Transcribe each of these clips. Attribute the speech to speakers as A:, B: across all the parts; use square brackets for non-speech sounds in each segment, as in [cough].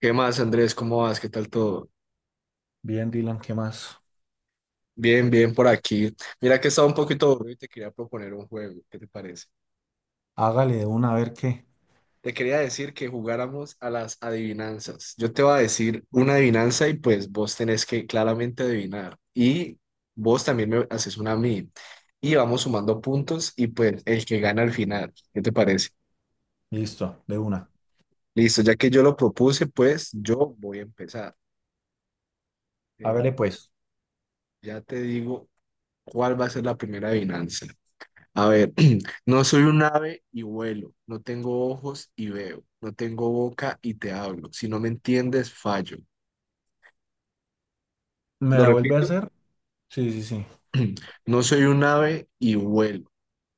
A: ¿Qué más, Andrés? ¿Cómo vas? ¿Qué tal todo?
B: Bien, Dylan, ¿qué más?
A: Bien, bien por aquí. Mira que estaba un poquito aburrido y te quería proponer un juego. ¿Qué te parece?
B: Hágale de una, a ver qué.
A: Te quería decir que jugáramos a las adivinanzas. Yo te voy a decir una adivinanza y pues vos tenés que claramente adivinar. Y vos también me haces una a mí. Y vamos sumando puntos y pues el que gana al final. ¿Qué te parece?
B: Listo, de una.
A: Listo, ya que yo lo propuse, pues yo voy a empezar. Eh,
B: Hágale pues.
A: ya te digo cuál va a ser la primera adivinanza. A ver, [clears throat] no soy un ave y vuelo, no tengo ojos y veo, no tengo boca y te hablo. Si no me entiendes, fallo.
B: ¿Me
A: Lo
B: la vuelve a
A: repito,
B: hacer? Sí, sí, sí.
A: [clears throat] no soy un ave y vuelo,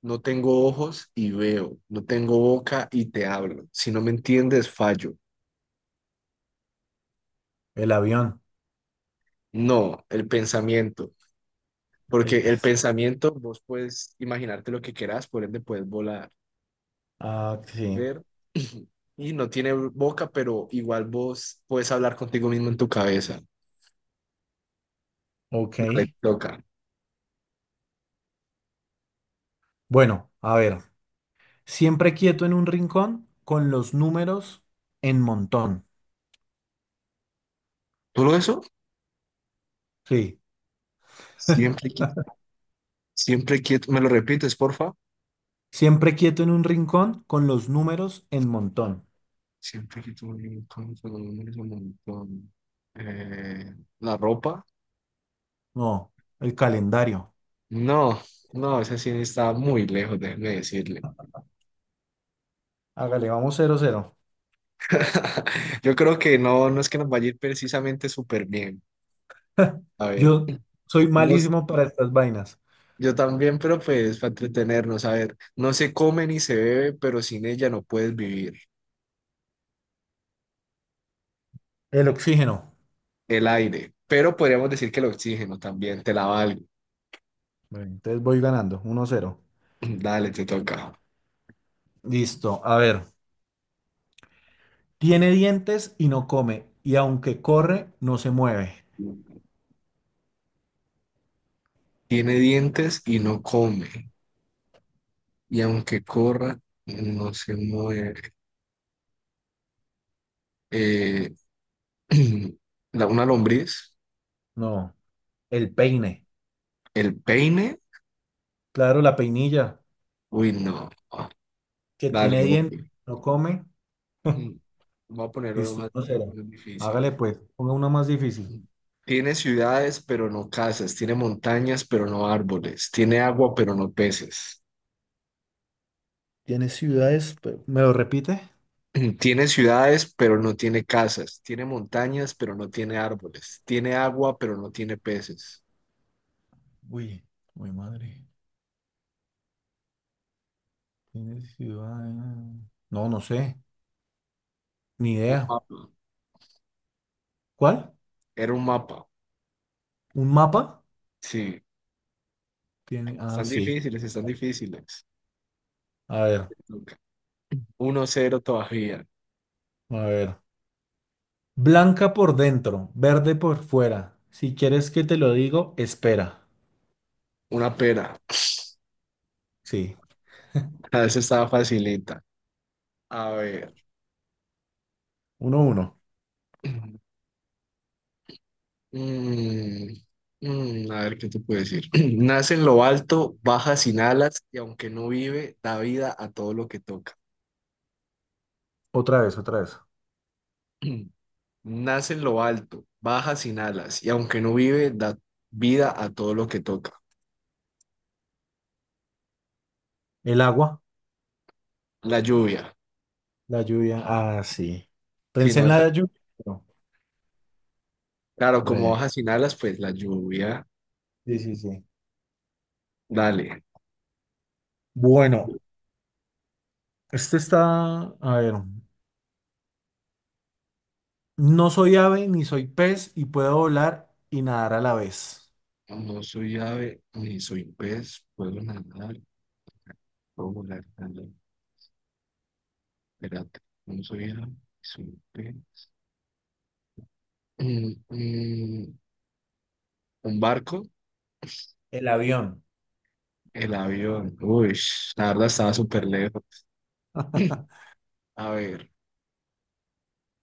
A: no tengo ojos y veo, no tengo boca y te hablo. Si no me entiendes, fallo.
B: El avión.
A: No, el pensamiento,
B: El
A: porque el
B: pez.
A: pensamiento vos puedes imaginarte lo que quieras, por ende puedes volar,
B: Ah, sí.
A: ver. [clears throat] Y no tiene boca, pero igual vos puedes hablar contigo mismo en tu cabeza.
B: Ok.
A: Dale, toca.
B: Bueno, a ver. Siempre quieto en un rincón con los números en montón.
A: Solo eso,
B: Sí.
A: siempre que, siempre quieto. ¿Me lo repites, porfa?
B: Siempre quieto en un rincón con los números en montón.
A: Siempre quieto, un montón, solo números, un montón. Eh, ¿La ropa?
B: No, el calendario.
A: No, no, esa sí está muy lejos, déjeme decirle.
B: Hágale, vamos cero, cero.
A: [laughs] Yo creo que no, no es que nos vaya a ir precisamente súper bien.
B: [laughs]
A: A ver,
B: Yo soy
A: nos-
B: malísimo para estas vainas.
A: yo también, pero pues para entretenernos, a ver, no se come ni se bebe, pero sin ella no puedes vivir.
B: El oxígeno.
A: El aire, pero podríamos decir que el oxígeno también, te la valgo.
B: Bueno, entonces voy ganando, 1-0.
A: [clears throat] Dale, te toca.
B: Listo, a ver. Tiene dientes y no come, y aunque corre, no se mueve.
A: Tiene dientes y no come, y aunque corra, no se mueve. Eh, [clears throat] una lombriz,
B: No, el peine.
A: el peine,
B: Claro, la peinilla,
A: uy, no.
B: que
A: Dale,
B: tiene
A: ok.
B: dientes, no come. [laughs]
A: Mm, voy a ponerlo lo
B: Listo,
A: más
B: 1-0.
A: difícil.
B: Hágale pues, ponga uno más difícil.
A: Mm. Tiene ciudades, pero no casas. Tiene montañas, pero no árboles. Tiene agua, pero no peces.
B: Tiene ciudades, ¿me lo repite?
A: [clears throat] Tiene ciudades, pero no tiene casas. Tiene montañas, pero no tiene árboles. Tiene agua, pero no tiene peces.
B: Uy, uy, madre. Tiene ciudades. No, no sé, ni
A: Un
B: idea.
A: mapa.
B: ¿Cuál?
A: Era un mapa.
B: ¿Un mapa?
A: Sí,
B: Tiene, ah,
A: están
B: sí.
A: difíciles, están difíciles.
B: A ver,
A: Luca. 1-0 todavía.
B: a ver. Blanca por dentro, verde por fuera. Si quieres que te lo digo, espera.
A: Una pera.
B: Sí,
A: A veces estaba facilita. A ver.
B: 1-1.
A: [clears throat] Mm, a ver, ¿qué te puedo decir? [clears throat] Nace en lo alto, baja sin alas y aunque no vive, da vida a todo lo que toca.
B: Otra vez, otra vez.
A: [clears throat] Nace en lo alto, baja sin alas y aunque no vive, da vida a todo lo que toca.
B: El agua,
A: La lluvia.
B: la lluvia. Ah, sí.
A: Si
B: Pensé
A: no,
B: en
A: esa-
B: la lluvia. Pero,
A: claro, como baja
B: hombre.
A: sin alas, pues la lluvia.
B: Sí, sí, sí.
A: Dale.
B: Bueno, este está, a ver, no soy ave ni soy pez y puedo volar y nadar a la vez.
A: No soy ave ni soy pez, puedo nadar, puedo volar también. Espérate, no soy ave ni soy pez. Mm, mm, un barco,
B: El avión.
A: el avión. Uy, la verdad estaba súper lejos.
B: [laughs]
A: A ver,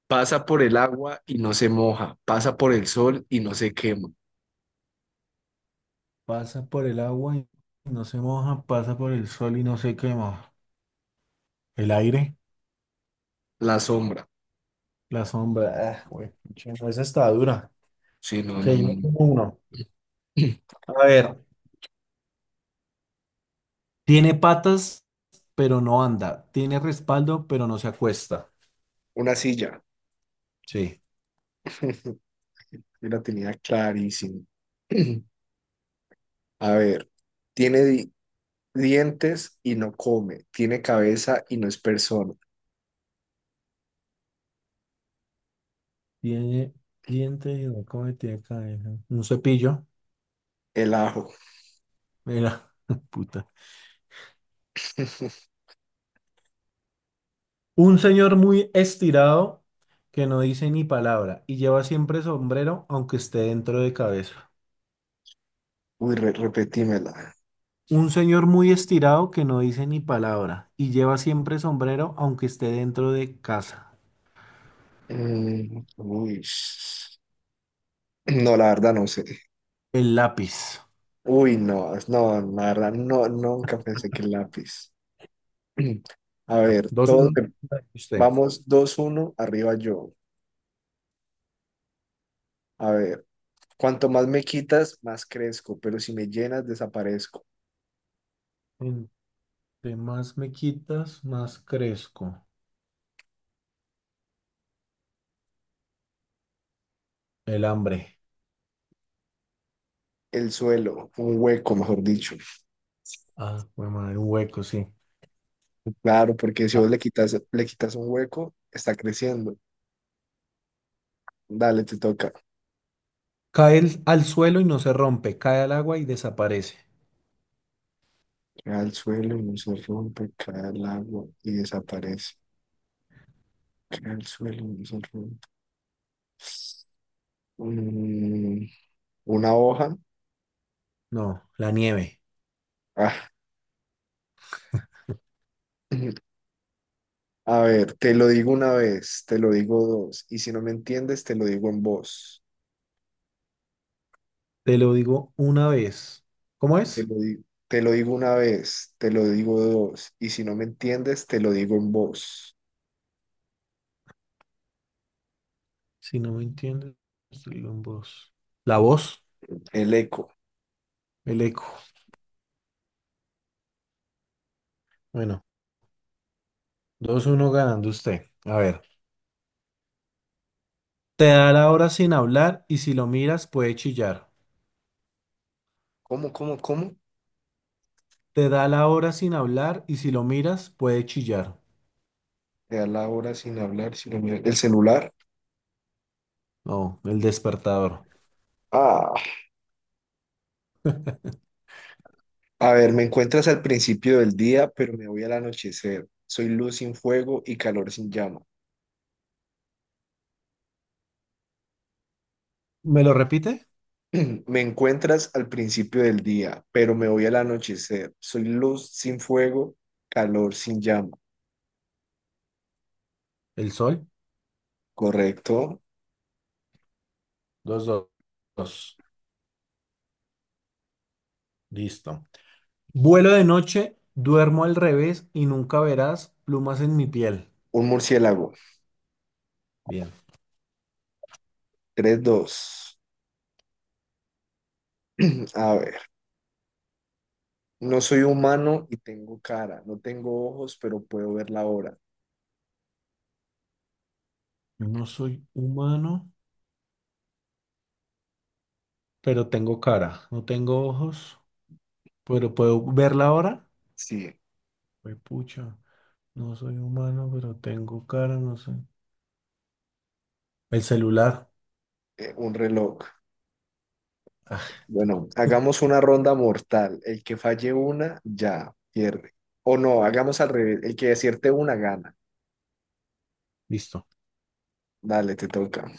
A: pasa por el agua y no se moja, pasa por el sol y no se quema.
B: Pasa por el agua y no se moja, pasa por el sol y no se quema. El aire.
A: La sombra.
B: La sombra, ah, güey, pucha, no, esa está dura.
A: Sí, no, no, no.
B: Seguimos con uno.
A: [clears throat]
B: A ver, tiene patas, pero no anda. Tiene respaldo, pero no se acuesta.
A: Una silla.
B: Sí.
A: [laughs] Yo la tenía clarísima. [clears throat] A ver, tiene, di- dientes y no come, tiene cabeza y no es persona.
B: Tiene dientes y no come, tiene cabeza. Un cepillo.
A: El ajo.
B: Mira, [laughs] puta.
A: [laughs]
B: Un señor muy estirado que no dice ni palabra y lleva siempre sombrero, aunque esté dentro de cabeza.
A: Uy, repetímela.
B: Un señor muy estirado que no dice ni palabra y lleva siempre sombrero, aunque esté dentro de casa.
A: Uy. No, la verdad no sé.
B: El lápiz.
A: Uy, no, no, la verdad, no, nunca pensé que el lápiz. [clears throat] A ver,
B: 2-1, 1 usted.
A: vamos 2-1 arriba yo. A ver, cuanto más me quitas, más crezco, pero si me llenas, desaparezco.
B: Entre más me quitas, más crezco. El hambre.
A: El suelo, un hueco, mejor dicho.
B: Ah, bueno, madre, un hueco, sí.
A: Claro, porque si
B: Ah.
A: vos le quitas un hueco, está creciendo. Dale, te toca.
B: Al suelo y no se rompe, cae al agua y desaparece.
A: Cae al suelo y no se rompe, cae al agua y desaparece. Cae al suelo y no se rompe. Mm, una hoja.
B: No, la nieve.
A: Ah, [laughs] [clears throat] a ver, te lo digo una vez, te lo digo dos. Y si no me entiendes, te lo digo en voz.
B: Te lo digo una vez. ¿Cómo
A: Te
B: es?
A: lo di- te lo digo una vez, te lo digo dos. Y si no me entiendes, te lo digo en voz.
B: Si no me entiendes, te lo digo en voz. La voz,
A: El eco.
B: el eco. Bueno, 2-1 ganando usted. A ver. Te da la hora sin hablar y si lo miras puede chillar.
A: Cómo?
B: Te da la hora sin hablar y si lo miras puede chillar.
A: Te da la hora sin hablar, sin mirar. El celular.
B: No, el despertador.
A: Ah. A ver, me encuentras al principio del día, pero me voy al anochecer. Soy luz sin fuego y calor sin llama.
B: ¿Me lo repite?
A: [clears throat] Me encuentras al principio del día, pero me voy al anochecer. Soy luz sin fuego, calor sin llama.
B: El sol.
A: Correcto.
B: Dos, dos, dos. Listo. Vuelo de noche, duermo al revés y nunca verás plumas en mi piel.
A: Un murciélago.
B: Bien.
A: 3-2. [clears throat] A ver, no soy humano y tengo cara. No tengo ojos, pero puedo ver la hora.
B: No soy humano, pero tengo cara. No tengo ojos, pero puedo verla ahora.
A: Sí,
B: Pues pucha. No soy humano, pero tengo cara, no sé. El celular.
A: un reloj. Bueno, hagamos una ronda mortal. El que falle una, ya pierde. O no, hagamos al revés. El que acierte una, gana.
B: Listo.
A: Dale, te toca.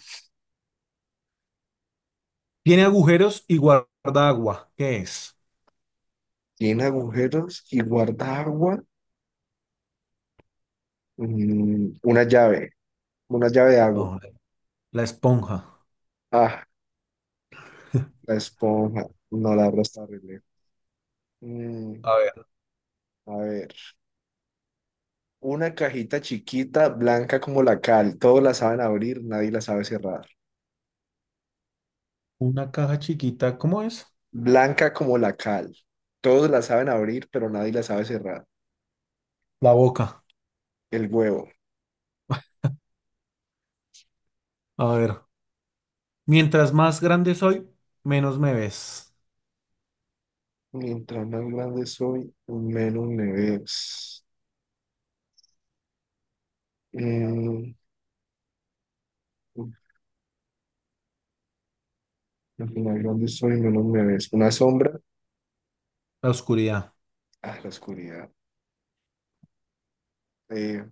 B: Tiene agujeros y guarda agua. ¿Qué es?
A: Tiene agujeros y guarda agua. Una llave. Una llave de agua.
B: No, la esponja.
A: Ah, la esponja. No, la abro está re lejos. Mm,
B: A ver.
A: a ver. Una cajita chiquita, blanca como la cal. Todos la saben abrir, nadie la sabe cerrar.
B: Una caja chiquita, ¿cómo es?
A: Blanca como la cal. Todos la saben abrir, pero nadie la sabe cerrar.
B: La boca.
A: El huevo.
B: A ver. Mientras más grande soy, menos me ves.
A: Mientras más grande soy, menos me ves. Mm, mientras más grande soy, menos me ves. Una sombra
B: La oscuridad.
A: a la oscuridad. Eh,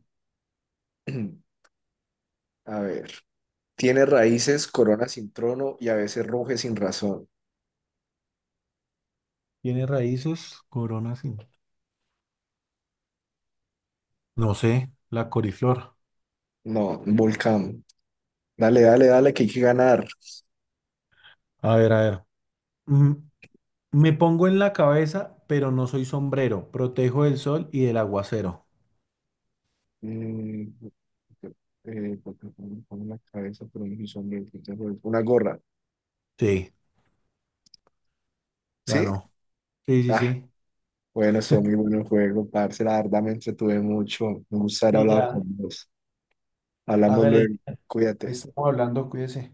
A: [clears throat] a ver. Tiene raíces, corona sin trono y a veces ruge sin razón.
B: Tiene raíces, coronas y... No sé, la coriflor.
A: No, un volcán. Dale, dale, dale, que hay que ganar.
B: A ver, a ver. Mm, me pongo en la cabeza, pero no soy sombrero. Protejo del sol y del aguacero.
A: Mm, porque me pone la cabeza, pero no soy sombra, entonces, una gorra.
B: Sí,
A: ¿Sí?
B: ganó. Sí, sí,
A: Ah,
B: sí.
A: bueno, son muy buenos juegos, parce. La verdad me entretuve mucho. Me gusta haber
B: Sí
A: hablado
B: ya,
A: con vos. Hablamos
B: hágale.
A: luego.
B: Ahí
A: Cuídate.
B: estamos hablando, cuídese.